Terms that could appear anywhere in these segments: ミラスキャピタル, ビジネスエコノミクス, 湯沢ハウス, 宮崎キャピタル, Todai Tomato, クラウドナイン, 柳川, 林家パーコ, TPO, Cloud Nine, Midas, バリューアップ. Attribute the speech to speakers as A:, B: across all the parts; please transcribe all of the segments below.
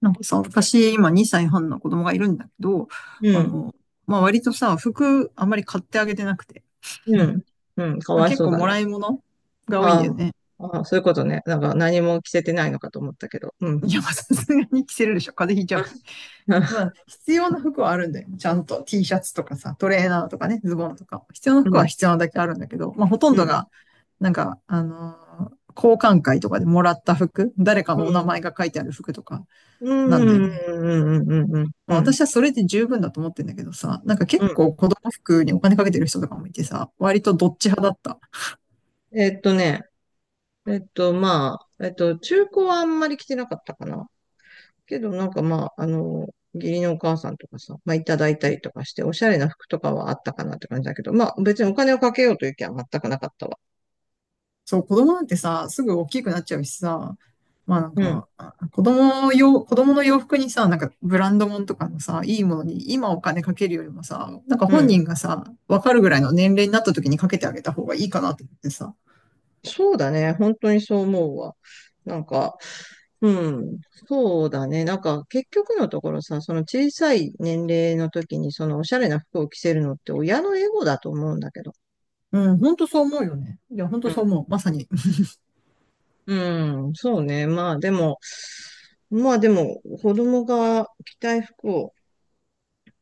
A: なんかさ、私、今2歳半の子供がいるんだけど、
B: う
A: あ
B: ん、
A: の、まあ、割とさ、服あんまり買ってあげてなくて、
B: うん、うん、か
A: まあ、
B: わい
A: 結
B: そう
A: 構
B: だ
A: も
B: ね。
A: らい物が多いん
B: あ
A: だよ
B: ー
A: ね。
B: あー、そういうことね。なんか何も着せてないのかと思ったけど。うん。
A: いや、まあ、さすがに着せるでしょ。風邪ひいちゃ
B: あ、
A: うし。まあ、
B: あ
A: 必要な服はあるんだよ。ちゃんと T シャツとかさ、トレーナーとかね、ズボンとか。必要な
B: う
A: 服は
B: ん、
A: 必要なだけあるんだけど、まあ、ほとん
B: う
A: ど
B: ん、
A: が、なんか、あの交換会とかでもらった服、誰か
B: う
A: のお名
B: ん、
A: 前が書いてある服とか
B: う
A: なんだよ
B: ん、う
A: ね。
B: ん、うん、うん、うん、
A: ま
B: う
A: あ
B: ん。
A: 私はそれで十分だと思ってんだけどさ、なんか結
B: うん
A: 構子供服にお金かけてる人とかもいてさ、割とどっち派だった。
B: えっとね、えっと、まあ、中古はあんまり着てなかったかな。けど、なんかまあ、義理のお母さんとかさ、まあ、いただいたりとかして、おしゃれな服とかはあったかなって感じだけど、まあ、別にお金をかけようという気は全くなかったわ。
A: そう、子供なんてさ、すぐ大きくなっちゃうしさ、まあなん
B: うん、
A: か、子供の洋服にさ、なんかブランド物とかのさ、いいものに今お金かけるよりもさ、なんか
B: う
A: 本
B: ん。
A: 人がさ、わかるぐらいの年齢になった時にかけてあげた方がいいかなと思ってさ。
B: そうだね。本当にそう思うわ。なんか、うん、そうだね。なんか、結局のところさ、その小さい年齢の時に、そのおしゃれな服を着せるのって親のエゴだと思うんだけど。
A: うん、ほんとそう思うよね。いや、ほん
B: う
A: とそう
B: ん、
A: 思う。まさに。
B: うん、そうね。まあでも、子供が着たい服を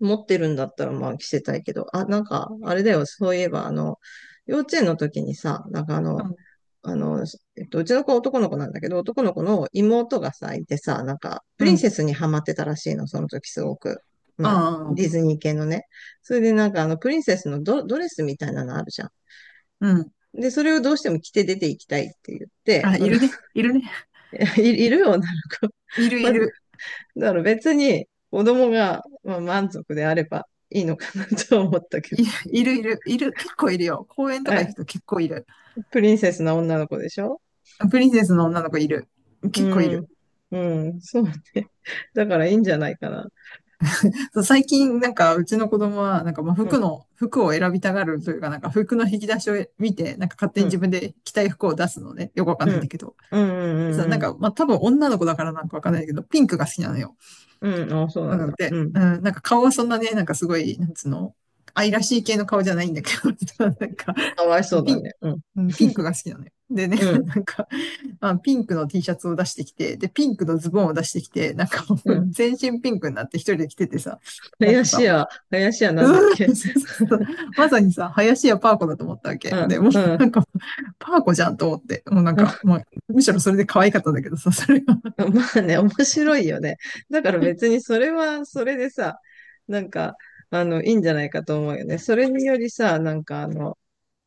B: 持ってるんだったら、まあ着せたいけど、あ、なんか、あれだよ、そういえば、幼稚園の時にさ、なんか
A: うん、
B: あの、うちの子は男の子なんだけど、男の子の妹がさ、いてさ、なんか、プ
A: う
B: リン
A: ん、
B: セスにハマってたらしいの、その時すごく。
A: あ
B: まあ、ディ
A: あ、
B: ズニー系のね。それでなんか、プリンセスのドレスみたいなのあるじゃん。
A: うん。
B: で、それをどうしても着て出ていきたいって言って、
A: あ、いるね。いるね。
B: いる女の子。
A: い るい
B: まあ、
A: る。
B: だから別に子供が、まあ、満足であればいいのかな と思ったけ
A: い、
B: ど。
A: いるいる、いる、結構いるよ。公園とか行
B: え、
A: くと結構いる。
B: プリンセスな女の子でしょ？
A: プリンセスの女の子いる。結構い
B: うん。
A: る。
B: うん、そうね。だからいいんじゃないかな。
A: そう、最近、なんか、うちの子供は、なんか、まあ、
B: うん
A: 服を選びたがるというか、なんか、服の引き出しを見て、なんか、勝手
B: う
A: に
B: ん、
A: 自分で着たい服を出すのね。よくわかん
B: う
A: ないん
B: ん、
A: だけど。
B: うん、
A: でさ、
B: うん、
A: なん
B: うん、
A: か、まあ、多分女の子だからなんかわかんないけど、ピンクが好きなのよ。
B: うん、うんあ、そうな
A: な
B: ん
A: の
B: だ。
A: で、
B: うん。
A: うん、なんか、顔はそんなね、なんか、すごい、なんつうの、愛らしい系の顔じゃないんだけど、
B: かわいそう
A: ピ
B: だ
A: ン、
B: ね。うん、
A: うん、ピンクが好きなのよ。でね、
B: う ん、
A: なんか、まあ、ピンクの T シャツを出してきて、で、ピンクのズボンを出してきて、なんかも
B: う
A: う
B: ん。
A: 全身ピンクになって一人で着ててさ、なん
B: 林
A: かさ、も
B: 家、林家
A: う、
B: なんだっ
A: うーん
B: け。
A: そう そうそうまさにさ、林家パーコだと思ったわけ。
B: あ、
A: で、もう
B: うん。
A: な
B: あ
A: んか、パーコじゃんと思って、もうなんか、まあ、むしろそれで可愛かったんだけどさ、それが
B: まあね、面白いよね。だから別にそれはそれでさ、なんか、いいんじゃないかと思うよね。それによりさ、なんか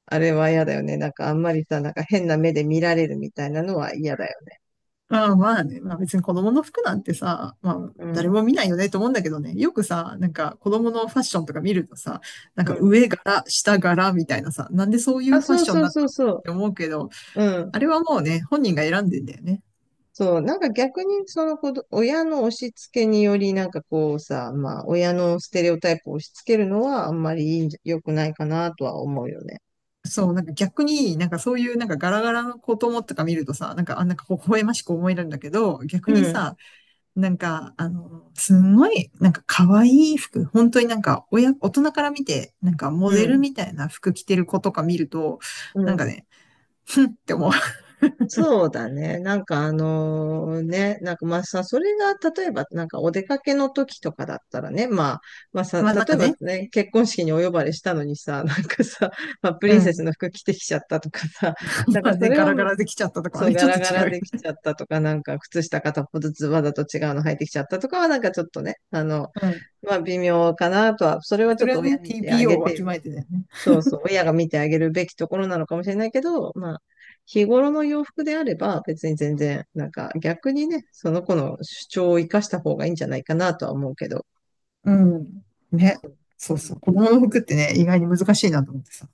B: あれは嫌だよね。なんかあんまりさ、なんか変な目で見られるみたいなのは嫌だよね。
A: まあまあね、まあ別に子供の服なんてさ、まあ
B: う
A: 誰
B: ん、
A: も見ないよねと思うんだけどね、よくさ、なんか子供のファッションとか見るとさ、なん
B: う
A: か
B: ん。
A: 上柄、下柄みたいなさ、なんでそういう
B: あ、
A: ファッ
B: そう
A: ションに
B: そう
A: なっ
B: そ
A: た
B: う
A: の
B: そ
A: って思うけど、
B: う。うん。
A: あれはもうね、本人が選んでんだよね。
B: そう、なんか逆にその子ど、親の押し付けにより、なんかこうさ、まあ、親のステレオタイプを押し付けるのはあんまりいいんじゃ良くないかなとは思うよね。
A: そう、なんか逆に、なんかそういうなんかガラガラの子供とか見るとさ、なんか微笑ましく思えるんだけど、逆
B: う
A: に
B: ん、
A: さ、なんか、あの、すんごい、なんか可愛い服、本当になんか、親、大人から見て、なんかモ
B: う
A: デル
B: ん、
A: みたいな服着てる子とか見ると、
B: う
A: なん
B: ん。
A: かね、ふんって思う。
B: そうだね。なんかまあさ、それが例えばなんかお出かけの時とかだったらね、まあさ、
A: まあなん
B: 例
A: か
B: えば
A: ね、
B: ね、結婚式にお呼ばれしたのにさ、なんかさ、まあ、プ
A: う
B: リンセス
A: ん。
B: の服着てきちゃったとかさ、なん
A: ま
B: か
A: あ
B: そ
A: ね、
B: れ
A: ガ
B: は
A: ラガラできちゃったとかは
B: そう、
A: ね、
B: ガ
A: ちょっ
B: ラ
A: と
B: ガ
A: 違う
B: ラ
A: よね。
B: できちゃったとか、なんか、靴下片方ずつわざと違うの履いてきちゃったとかは、なんかちょっとね、
A: うん。
B: まあ、微妙かなとは、それはち
A: そ
B: ょっ
A: れ
B: と
A: は
B: 親
A: ね、
B: 見てあ
A: TPO を
B: げ
A: わ
B: て
A: き
B: よ。
A: まえてだよね。
B: そうそう、親が見てあげるべきところなのかもしれないけど、まあ、日頃の洋服であれば、別に全然、なんか、逆にね、その子の主張を生かした方がいいんじゃないかなとは思うけど。
A: うん。ね。そうそう。子供の服ってね、意外に難しいなと思ってさ。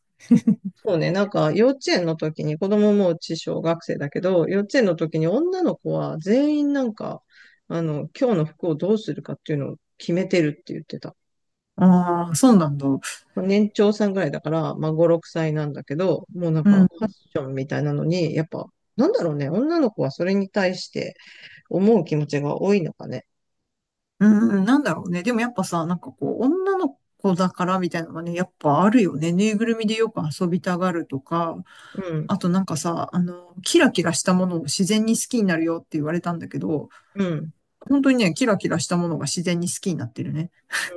B: そうね、なんか幼稚園の時に、子供もうち小学生だけど、幼稚園の時に女の子は全員なんか、今日の服をどうするかっていうのを決めてるって言ってた。
A: ああ、そうなんだ。
B: まあ年長さんぐらいだから、まあ5、6歳なんだけど、もうなん
A: う
B: か
A: ん。
B: ファッションみたいなのに、やっぱ、なんだろうね、女の子はそれに対して思う気持ちが多いのかね。
A: うん、なんだろうね。でもやっぱさ、なんかこう、女の子だからみたいなのがね、やっぱあるよね。ぬいぐるみでよく遊びたがるとか、
B: うん、
A: あとなんかさ、あの、キラキラしたものを自然に好きになるよって言われたんだけど、
B: うん、
A: 本当にね、キラキラしたものが自然に好きになってるね。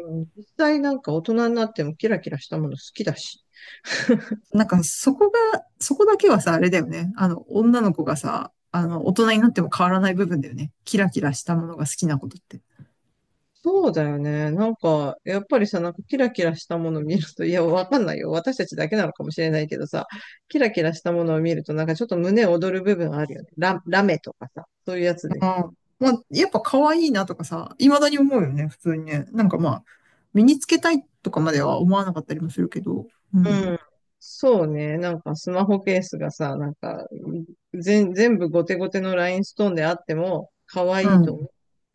B: うん。実際なんか大人になってもキラキラしたもの好きだし。
A: なんかそこが、そこだけはさ、あれだよね。あの、女の子がさ、あの、大人になっても変わらない部分だよね。キラキラしたものが好きなことって。
B: そうだよね。なんか、やっぱりさ、なんかキラキラしたもの見ると、いや、わかんないよ。私たちだけなのかもしれないけどさ、キラキラしたものを見ると、なんかちょっと胸躍る部分あるよね。ラメとかさ、そういうやつでしょ。
A: あまあ、やっぱ可愛いなとかさ、未だに思うよね、普通にね。なんかまあ、身につけたいとかまでは思わなかったりもするけど。う
B: う
A: ん。
B: ん。そうね。なんかスマホケースがさ、なんか、全部ゴテゴテのラインストーンであっても、可
A: う
B: 愛いと
A: ん。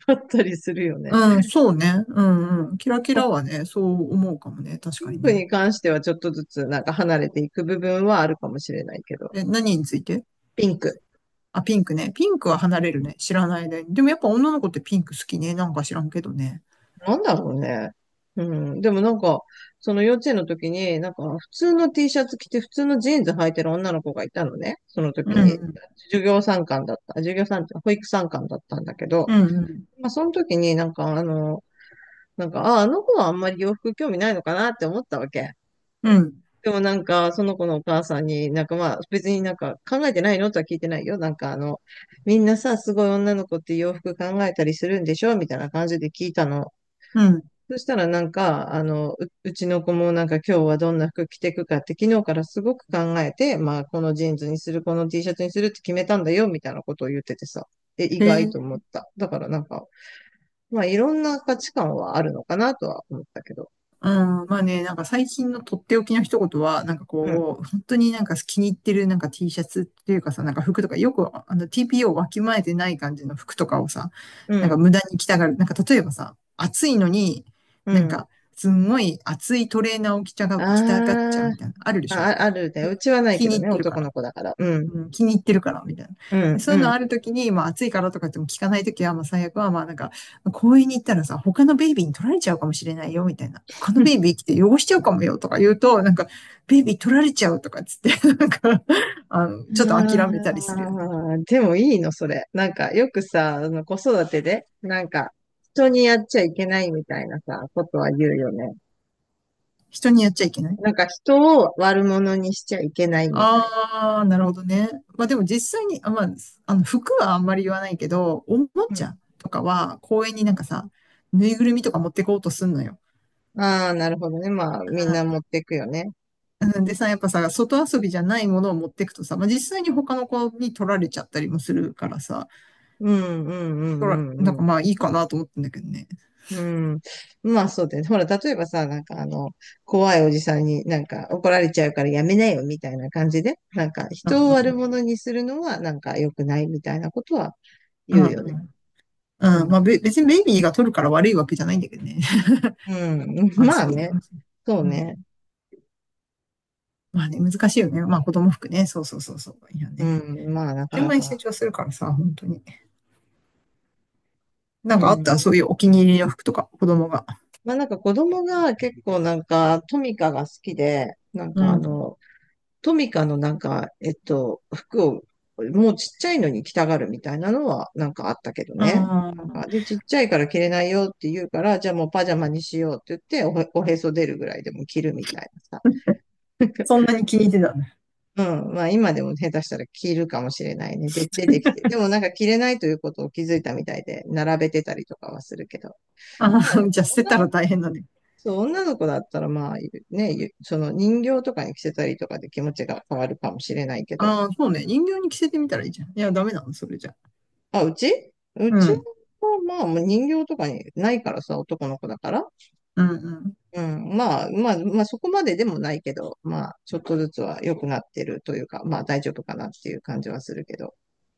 B: 思ったりするよね。
A: うん、そうね。うんうん。キラキ
B: ま
A: ラ
B: あ、
A: はね、そう思うかもね。確
B: ピ
A: か
B: ン
A: に
B: ク
A: ね。
B: に関してはちょっとずつなんか離れていく部分はあるかもしれないけど、
A: え、何について？
B: ピンク。
A: あ、ピンクね。ピンクは離れるね。知らない間に。でもやっぱ女の子ってピンク好きね。なんか知らんけどね。
B: なんだろうね。うん。でもなんか、その幼稚園の時に、なんか普通の T シャツ着て普通のジーンズ履いてる女の子がいたのね。その
A: う
B: 時
A: ん
B: に、
A: うん。
B: 授業参観だった。授業参観、保育参観だったんだけ
A: う
B: ど、
A: んうん。
B: まあその時になんかあ、あの子はあんまり洋服興味ないのかなって思ったわけ。
A: うん。
B: でもなんか、その子のお母さんになんかまあ別になんか考えてないのとは聞いてないよ。なんかみんなさ、すごい女の子って洋服考えたりするんでしょみたいな感じで聞いたの。
A: うん。
B: そしたらなんか、うちの子もなんか今日はどんな服着てくかって昨日からすごく考えて、まあこのジーンズにする、この T シャツにするって決めたんだよみたいなことを言っててさ、え、意
A: へ
B: 外
A: え。
B: と思った。だからなんか、まあいろんな価値観はあるのかなとは思ったけど。
A: うん、まあね、なんか最近のとっておきの一言は、なんか
B: うん、
A: こう、本当になんか気に入ってるなんか T シャツっていうかさ、なんか服とか、よくあの TPO をわきまえてない感じの服とかをさ、
B: う
A: なんか
B: ん、
A: 無駄に着たがる。なんか例えばさ、暑いのに、
B: う
A: なん
B: ん。
A: かすんごい暑いトレーナーを着たがっちゃう
B: あー
A: みたいな、あるで
B: あ、
A: しょ
B: ああるね。うちはない
A: 気
B: け
A: に
B: ど
A: 入っ
B: ね、
A: てるか
B: 男
A: ら。
B: の子だから。うん、
A: うん、気に入ってるから、みたいな。
B: う
A: で
B: ん、
A: そ
B: う
A: ういうの
B: ん。
A: あるときに、まあ暑いからとかっても聞かないときは、まあ最悪は、まあなんか、公園に行ったらさ、他のベイビーに取られちゃうかもしれないよ、みたいな。他のベイビー来て汚しちゃうかもよ、とか言うと、なんか、ベイビー取られちゃうとかっつって、なんか、あの、ちょっと諦めたりするよね。
B: ああ、でもいいの、それ。なんか、よくさ、子育てで、なんか、人にやっちゃいけないみたいなさ、ことは言うよね。
A: 人にやっちゃいけない。
B: なんか、人を悪者にしちゃいけないみたい。
A: ああ、なるほどね。まあでも実際に、あまあ、あの、服はあんまり言わないけど、おも
B: う
A: ち
B: ん。
A: ゃとかは公園になん
B: う
A: かさ、ぬいぐるみとか持ってこうとすんのよ。
B: ん。ああ、なるほどね。まあ、みんな持っていくよね。
A: うんでさ、やっぱさ、外遊びじゃないものを持ってくとさ、まあ、実際に他の子に取られちゃったりもするからさ、
B: うん、うん、うん、
A: なん
B: う
A: か
B: ん、
A: まあいいかなと思ってんだけどね。
B: うん。まあそうだよね。ほら、例えばさ、なんか怖いおじさんになんか怒られちゃうからやめなよみたいな感じで、なんか
A: う
B: 人
A: ん
B: を
A: う
B: 悪
A: ん。
B: 者にするのはなんか良くないみたいなことは
A: うん
B: 言
A: う
B: うよね。
A: ん。
B: う
A: うん。まあ
B: ん。
A: べ、別にベイビーが取るから悪いわけじゃないんだけどね。
B: うん。
A: まあ、
B: まあ
A: そうね。
B: ね。
A: まあそ
B: そう
A: うう
B: ね。
A: ん。まあね、難しいよね。まあ子供服ね。そうそうそうそう。いや
B: う
A: ね。
B: ん。まあ
A: あっ
B: なか
A: という
B: な
A: 間に成
B: か。
A: 長するからさ、本当に。なん
B: う
A: かあったそ
B: ん。
A: ういうお気に入りの服とか、子供が。
B: まあなんか子供が結構なんかトミカが好きで、なん
A: う
B: か
A: ん。
B: トミカのなんか、服を、もうちっちゃいのに着たがるみたいなのはなんかあったけどね。
A: あ
B: なんか、
A: あ、
B: で、ちっちゃいから着れないよって言うから、じゃあもうパジャマにしようって言っておへそ出るぐらいでも着るみたいなさ。
A: そんなに気に入ってたんだ。
B: うん。まあ今でも下手したら着るかもしれないね。で、出てきて。でもなんか着れないということを気づいたみたいで、並べてたりとかはするけど。
A: あ
B: まあ、
A: あ、じゃあ捨て
B: 女
A: たら
B: の子
A: 大変だね。
B: そう、女の子だったら、まあ、ね、ゆその人形とかに着せたりとかで気持ちが変わるかもしれないけど、
A: ああ、そうね。人形に着せてみたらいいじゃん。いや、ダメなの、それじゃ。
B: あ、うちう
A: う
B: ちは、
A: ん。
B: まあ、もう人形とかにないからさ、男の子だから。
A: うん、うん。
B: うん。まあ、そこまででもないけど、まあ、ちょっとずつは良くなってるというか、まあ、大丈夫かなっていう感じはするけど。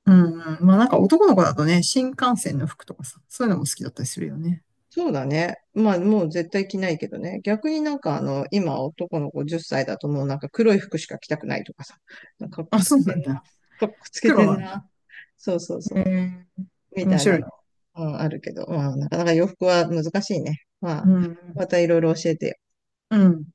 A: うん、うん。まあなんか男の子だとね、新幹線の服とかさ、そういうのも好きだったりするよね。
B: そうだね。まあ、もう絶対着ないけどね。逆になんか、今、男の子10歳だともうなんか黒い服しか着たくないとかさ、なんかかっこ
A: あ、
B: つ
A: そ
B: け
A: う
B: て
A: なん
B: んな。
A: だ。
B: かっこつけ
A: 黒
B: てん
A: なんだ。
B: な。そうそうそ
A: へ
B: う。
A: え、
B: み
A: 面
B: たい
A: 白
B: な
A: い
B: の、
A: ね。
B: うん、あるけど、まあ、なかなか洋服は難しいね。ま
A: う
B: あ、
A: ん。
B: またいろいろ教えてよ。
A: うん。